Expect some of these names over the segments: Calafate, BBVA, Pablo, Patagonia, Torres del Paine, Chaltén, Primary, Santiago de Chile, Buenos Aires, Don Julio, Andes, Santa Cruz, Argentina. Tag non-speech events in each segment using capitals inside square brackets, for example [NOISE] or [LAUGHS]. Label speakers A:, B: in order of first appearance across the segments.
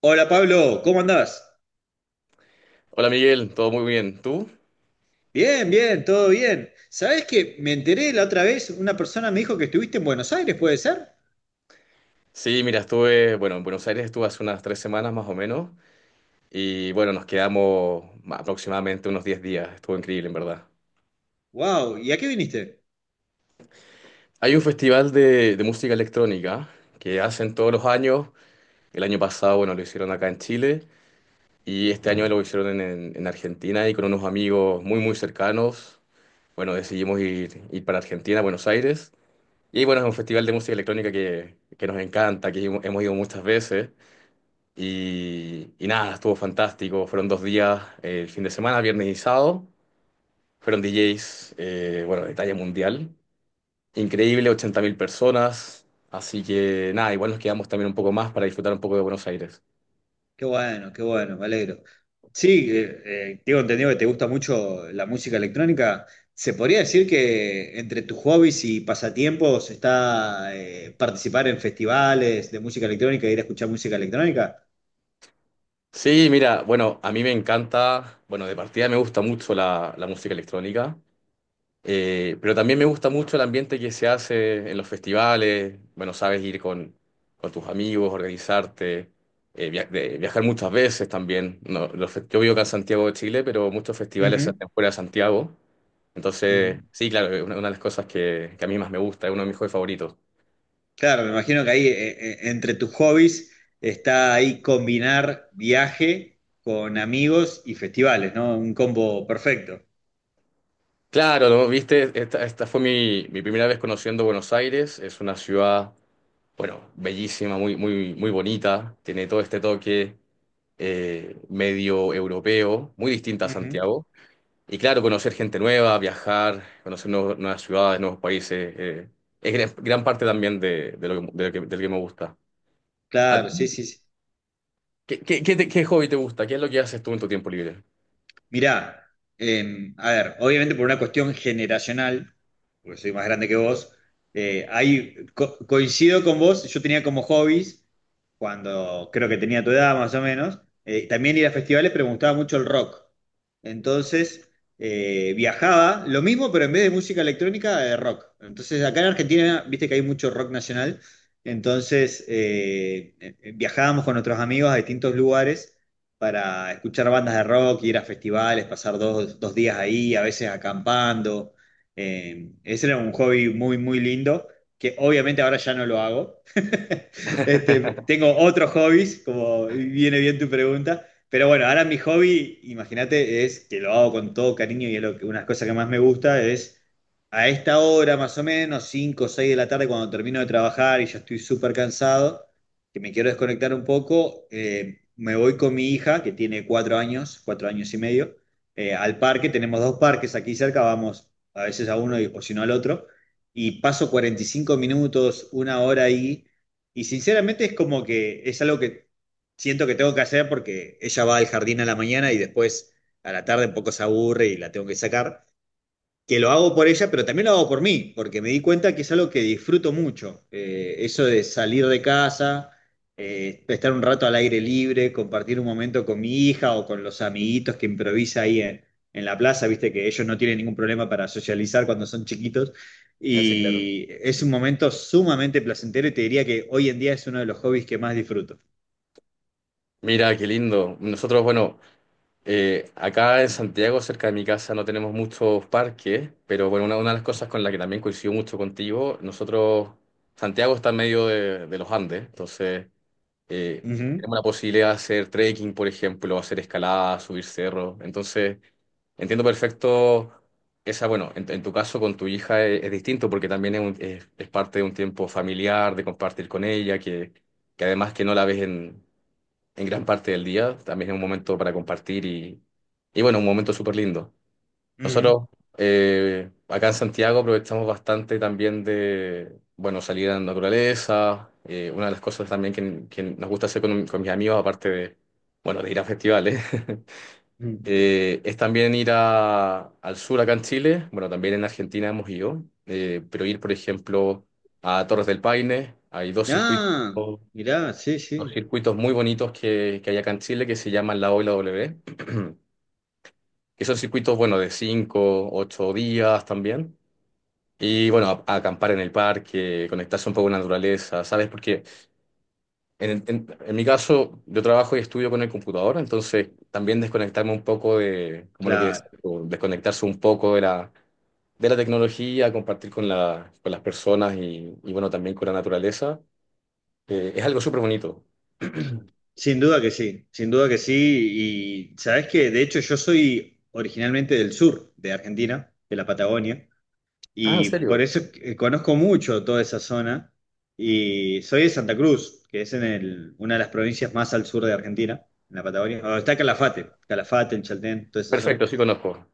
A: Hola Pablo, ¿cómo andás?
B: Hola Miguel, todo muy bien. ¿Tú?
A: Bien, bien, todo bien. ¿Sabés que me enteré la otra vez? Una persona me dijo que estuviste en Buenos Aires, ¿puede ser?
B: Sí, mira, estuve, bueno, en Buenos Aires estuve hace unas 3 semanas más o menos y bueno, nos quedamos aproximadamente unos 10 días. Estuvo increíble, en verdad.
A: Wow, ¿y a qué viniste?
B: Hay un festival de música electrónica que hacen todos los años. El año pasado, bueno, lo hicieron acá en Chile y este año lo hicieron en Argentina y con unos amigos muy, muy cercanos. Bueno, decidimos ir para Argentina, Buenos Aires. Y bueno, es un festival de música electrónica que nos encanta, que hemos ido muchas veces. Y nada, estuvo fantástico. Fueron 2 días, el fin de semana, viernes y sábado. Fueron DJs, bueno, de talla mundial. Increíble, 80.000 personas. Así que nada, igual nos quedamos también un poco más para disfrutar un poco de Buenos Aires.
A: Qué bueno, me alegro. Sí, tengo entendido que te gusta mucho la música electrónica. ¿Se podría decir que entre tus hobbies y pasatiempos está participar en festivales de música electrónica e ir a escuchar música electrónica?
B: Sí, mira, bueno, a mí me encanta, bueno, de partida me gusta mucho la música electrónica. Pero también me gusta mucho el ambiente que se hace en los festivales. Bueno, sabes, ir con tus amigos, organizarte, viajar muchas veces también. No, yo vivo acá en Santiago de Chile, pero muchos festivales se
A: Ujú,
B: hacen fuera de Santiago.
A: ujú.
B: Entonces, sí, claro, es una de las cosas que a mí más me gusta, es uno de mis juegos favoritos.
A: Claro, me imagino que ahí entre tus hobbies está ahí combinar viaje con amigos y festivales, ¿no? Un combo perfecto.
B: Claro, ¿no? Viste, esta fue mi primera vez conociendo Buenos Aires. Es una ciudad bueno, bellísima, muy, muy, muy bonita, tiene todo este toque medio europeo, muy distinta a
A: Ujú.
B: Santiago. Y claro, conocer gente nueva, viajar, conocer nuevas ciudades, nuevos países, es gran, gran parte también del que me gusta. ¿A ti?
A: Claro, sí, sí, sí.
B: ¿Qué hobby te gusta? ¿Qué es lo que haces tú en tu tiempo libre?
A: Mirá, a ver, obviamente por una cuestión generacional, porque soy más grande que vos, coincido con vos, yo tenía como hobbies cuando creo que tenía tu edad más o menos, también ir a festivales, pero me gustaba mucho el rock. Entonces, viajaba, lo mismo, pero en vez de música electrónica, de rock. Entonces, acá en Argentina, viste que hay mucho rock nacional, entonces viajábamos con nuestros amigos a distintos lugares para escuchar bandas de rock, ir a festivales, pasar dos días ahí, a veces acampando. Ese era un hobby muy, muy lindo, que obviamente ahora ya no lo hago. [LAUGHS] Este,
B: [LAUGHS]
A: tengo otros hobbies, como viene bien tu pregunta. Pero bueno, ahora mi hobby, imagínate, es que lo hago con todo cariño y es lo que, una de las cosas que más me gusta es a esta hora más o menos, 5 o seis de la tarde, cuando termino de trabajar y ya estoy súper cansado, que me quiero desconectar un poco. Me voy con mi hija, que tiene 4 años, 4 años y medio, al parque. Tenemos dos parques aquí cerca, vamos a veces a uno y, o si no al otro, y paso 45 minutos, una hora ahí, y sinceramente es como que es algo que siento que tengo que hacer porque ella va al jardín a la mañana y después a la tarde un poco se aburre y la tengo que sacar, que lo hago por ella, pero también lo hago por mí, porque me di cuenta que es algo que disfruto mucho. Eso de salir de casa, estar un rato al aire libre, compartir un momento con mi hija o con los amiguitos que improvisa ahí en, la plaza, viste que ellos no tienen ningún problema para socializar cuando son chiquitos.
B: Sí, claro.
A: Y es un momento sumamente placentero, y te diría que hoy en día es uno de los hobbies que más disfruto.
B: Mira, qué lindo. Nosotros, bueno. Acá en Santiago, cerca de mi casa, no tenemos muchos parques, pero bueno, una de las cosas con la que también coincido mucho contigo, nosotros, Santiago está en medio de los Andes, entonces eh, tenemos
A: Ujú,
B: la posibilidad de hacer trekking, por ejemplo, hacer escalada, subir cerros, entonces entiendo perfecto esa, bueno, en tu caso con tu hija es distinto porque también es, es parte de un tiempo familiar, de compartir con ella, que además que no la ves en gran parte del día. También es un momento para compartir y bueno, un momento súper lindo.
A: ujú,
B: Nosotros acá en Santiago aprovechamos bastante también de, bueno, salir a la naturaleza. Una de las cosas también que nos gusta hacer con mis amigos, aparte de, bueno, de ir a festivales, [LAUGHS]
A: ujú.
B: es también al sur acá en Chile. Bueno, también en Argentina hemos ido, pero ir, por ejemplo, a Torres del Paine. Hay dos circuitos
A: Ah, mirá, sí, sí,
B: muy bonitos que hay acá en Chile que se llaman la O y la W, que son circuitos, bueno, de 5 u 8 días también. Y bueno, a acampar en el parque, conectarse un poco con la naturaleza, ¿sabes? Porque en mi caso, yo trabajo y estudio con el computador, entonces también desconectarme un poco de, como lo que es,
A: claro.
B: o desconectarse un poco de la tecnología, compartir con, la, con las personas y bueno, también con la naturaleza, es algo súper bonito.
A: Sin duda que sí, sin duda que sí. Y sabes que, de hecho, yo soy originalmente del sur de Argentina, de la Patagonia,
B: Ah, ¿en
A: y por
B: serio?
A: eso conozco mucho toda esa zona. Y soy de Santa Cruz, que es una de las provincias más al sur de Argentina, en la Patagonia. Donde está Calafate, Calafate, en Chaltén, toda esa zona.
B: Perfecto, sí conozco.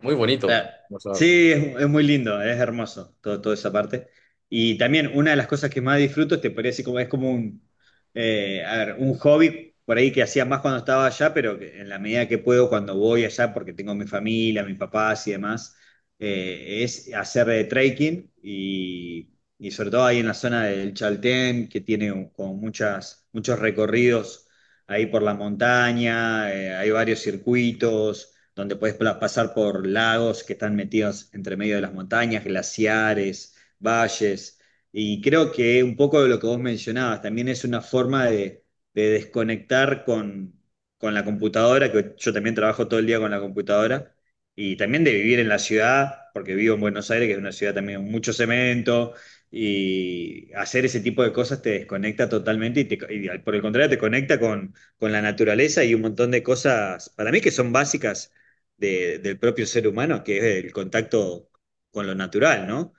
B: Muy bonito.
A: Claro.
B: O sea,
A: Sí, es muy lindo, es hermoso todo, toda esa parte. Y también una de las cosas que más disfruto, te podría decir, como es como a ver, un hobby por ahí que hacía más cuando estaba allá, pero que en la medida que puedo cuando voy allá, porque tengo mi familia, mis papás y demás, es hacer trekking, y sobre todo ahí en la zona del Chaltén, que tiene como muchos recorridos ahí por la montaña. Hay varios circuitos donde puedes pasar por lagos que están metidos entre medio de las montañas, glaciares, valles. Y creo que un poco de lo que vos mencionabas también es una forma de desconectar con, la computadora, que yo también trabajo todo el día con la computadora, y también de vivir en la ciudad, porque vivo en Buenos Aires, que es una ciudad también con mucho cemento. Y hacer ese tipo de cosas te desconecta totalmente y, por el contrario te conecta con la naturaleza y un montón de cosas, para mí que son básicas del propio ser humano, que es el contacto con lo natural, ¿no?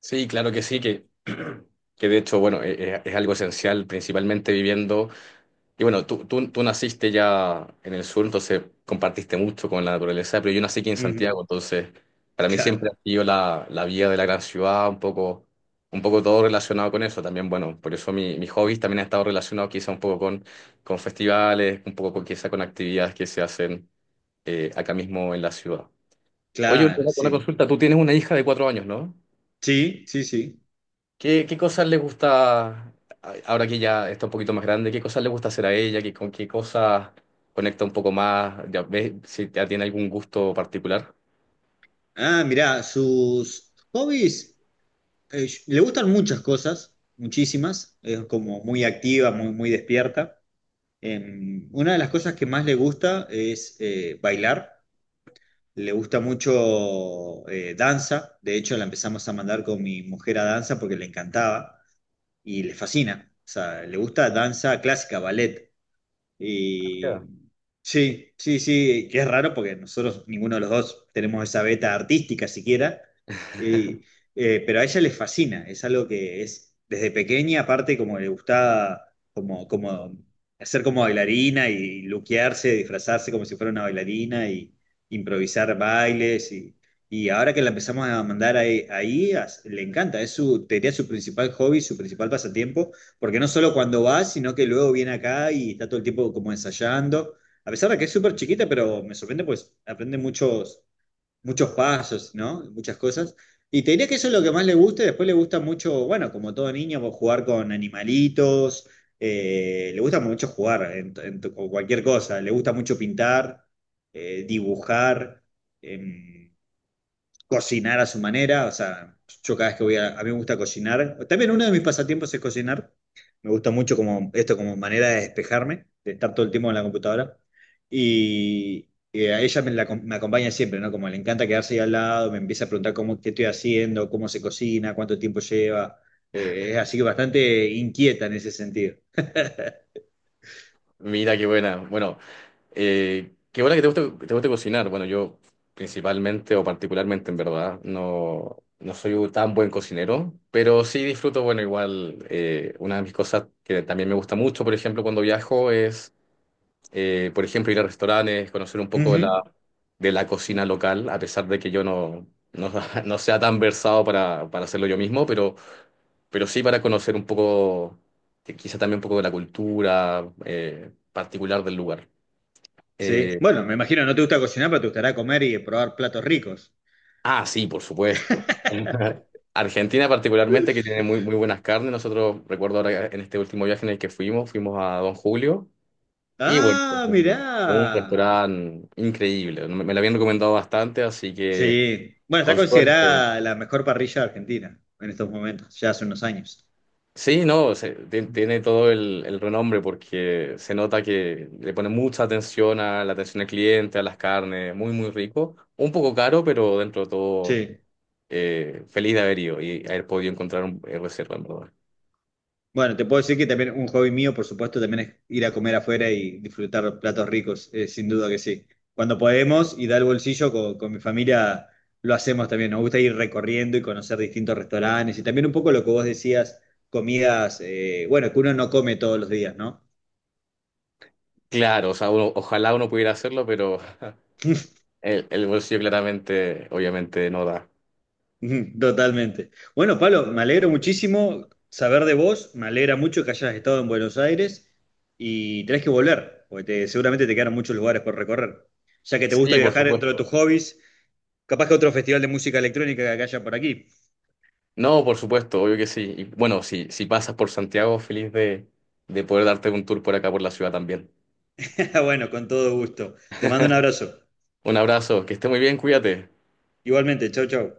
B: sí, claro que sí, [CLEARS THROAT] que de hecho, bueno, es, algo esencial, principalmente viviendo. Y bueno, tú naciste ya en el sur, entonces compartiste mucho con la naturaleza, pero yo nací aquí en
A: Ujú.
B: Santiago, entonces para mí
A: Claro,
B: siempre ha sido la vida de la gran ciudad, un poco todo relacionado con eso. También, bueno, por eso mis hobbies también han estado relacionados quizá un poco con festivales, un poco con, quizá con actividades que se hacen acá mismo en la ciudad. Oye, una,
A: claro,
B: una
A: sí.
B: consulta, tú tienes una hija de 4 años, ¿no?
A: Sí, sí, sí.
B: ¿Qué cosas le gusta, ahora que ya está un poquito más grande, qué cosas le gusta hacer a ella, con qué cosas conecta un poco más? ¿Ya ves si ya tiene algún gusto particular?
A: Ah, mirá, sus hobbies, le gustan muchas cosas, muchísimas. Es como muy activa, muy, muy despierta. Una de las cosas que más le gusta es bailar. Le gusta mucho danza. De hecho, la empezamos a mandar con mi mujer a danza porque le encantaba y le fascina. O sea, le gusta danza clásica, ballet. Y
B: Ya.
A: sí, sí, sí, que es raro porque nosotros, ninguno de los dos, tenemos esa beta artística siquiera, y, pero a ella le fascina, es algo que es desde pequeña. Aparte, como le gustaba como hacer como bailarina y luquearse, disfrazarse como si fuera una bailarina y improvisar bailes, y ahora que la empezamos a mandar ahí, le encanta. Es su, te diría, su principal hobby, su principal pasatiempo, porque no solo cuando va, sino que luego viene acá y está todo el tiempo como ensayando. A pesar de que es súper chiquita, pero me sorprende, pues aprende muchos, muchos pasos, ¿no? Muchas cosas. Y te diría que eso es lo que más le gusta. Y después le gusta mucho, bueno, como todo niño, pues, jugar con animalitos. Le gusta mucho jugar con cualquier cosa. Le gusta mucho pintar, dibujar. em, cocinar a su manera. O sea, yo cada vez que voy a mí me gusta cocinar, también uno de mis pasatiempos es cocinar. Me gusta mucho como esto como manera de despejarme, de estar todo el tiempo en la computadora, y a ella me, me acompaña siempre, ¿no? Como le encanta quedarse ahí al lado, me empieza a preguntar qué estoy haciendo, cómo se cocina, cuánto tiempo lleva. Es así, que bastante inquieta en ese sentido.
B: Mira, qué buena. Bueno, qué buena que te guste cocinar. Bueno, yo principalmente o particularmente, en verdad, no soy un tan buen cocinero, pero sí disfruto, bueno, igual, una de mis cosas que también me gusta mucho, por ejemplo, cuando viajo eh, por ejemplo, ir a restaurantes, conocer un poco de la,
A: Ujú,
B: de la cocina local, a pesar de que yo no, [LAUGHS] no sea tan versado para hacerlo yo mismo, pero sí para conocer un poco, quizá también un poco de la cultura particular del lugar.
A: sí,
B: Eh,
A: bueno, me imagino no te gusta cocinar, pero te gustará comer y probar platos ricos.
B: ah, sí, por supuesto. [LAUGHS] Argentina particularmente, que tiene muy, muy buenas carnes. Nosotros, recuerdo ahora en este último viaje en el que fuimos, fuimos a Don Julio y bueno,
A: Ah,
B: un
A: mirá.
B: restaurante increíble. Me lo habían recomendado bastante, así que
A: Sí. Bueno, está
B: con suerte.
A: considerada la mejor parrilla de Argentina en estos momentos, ya hace unos años.
B: Sí, no, tiene todo el renombre porque se nota que le pone mucha atención a la atención al cliente, a las carnes, muy, muy rico. Un poco caro, pero dentro de todo,
A: Sí.
B: feliz de haber ido y haber podido encontrar un reserva, en verdad.
A: Bueno, te puedo decir que también un hobby mío, por supuesto, también es ir a comer afuera y disfrutar platos ricos, sin duda que sí. Cuando podemos y da el bolsillo, con mi familia, lo hacemos también. Nos gusta ir recorriendo y conocer distintos restaurantes, y también un poco lo que vos decías, comidas, bueno, que uno no come todos los días, ¿no?
B: Claro, o sea, ojalá uno pudiera hacerlo, pero el bolsillo claramente, obviamente, no da.
A: Ujú. Totalmente. Bueno, Pablo, me alegro muchísimo saber de vos, me alegra mucho que hayas estado en Buenos Aires y tenés que volver, porque seguramente te quedan muchos lugares por recorrer. Ya que te gusta
B: Sí, por
A: viajar dentro de tus
B: supuesto.
A: hobbies, capaz que otro festival de música electrónica que haya por aquí.
B: No, por supuesto, obvio que sí. Y bueno, si pasas por Santiago, feliz de poder darte un tour por acá, por la ciudad también.
A: [LAUGHS] Bueno, con todo gusto. Te mando un abrazo.
B: Un abrazo, que esté muy bien, cuídate.
A: Igualmente, chau, chau.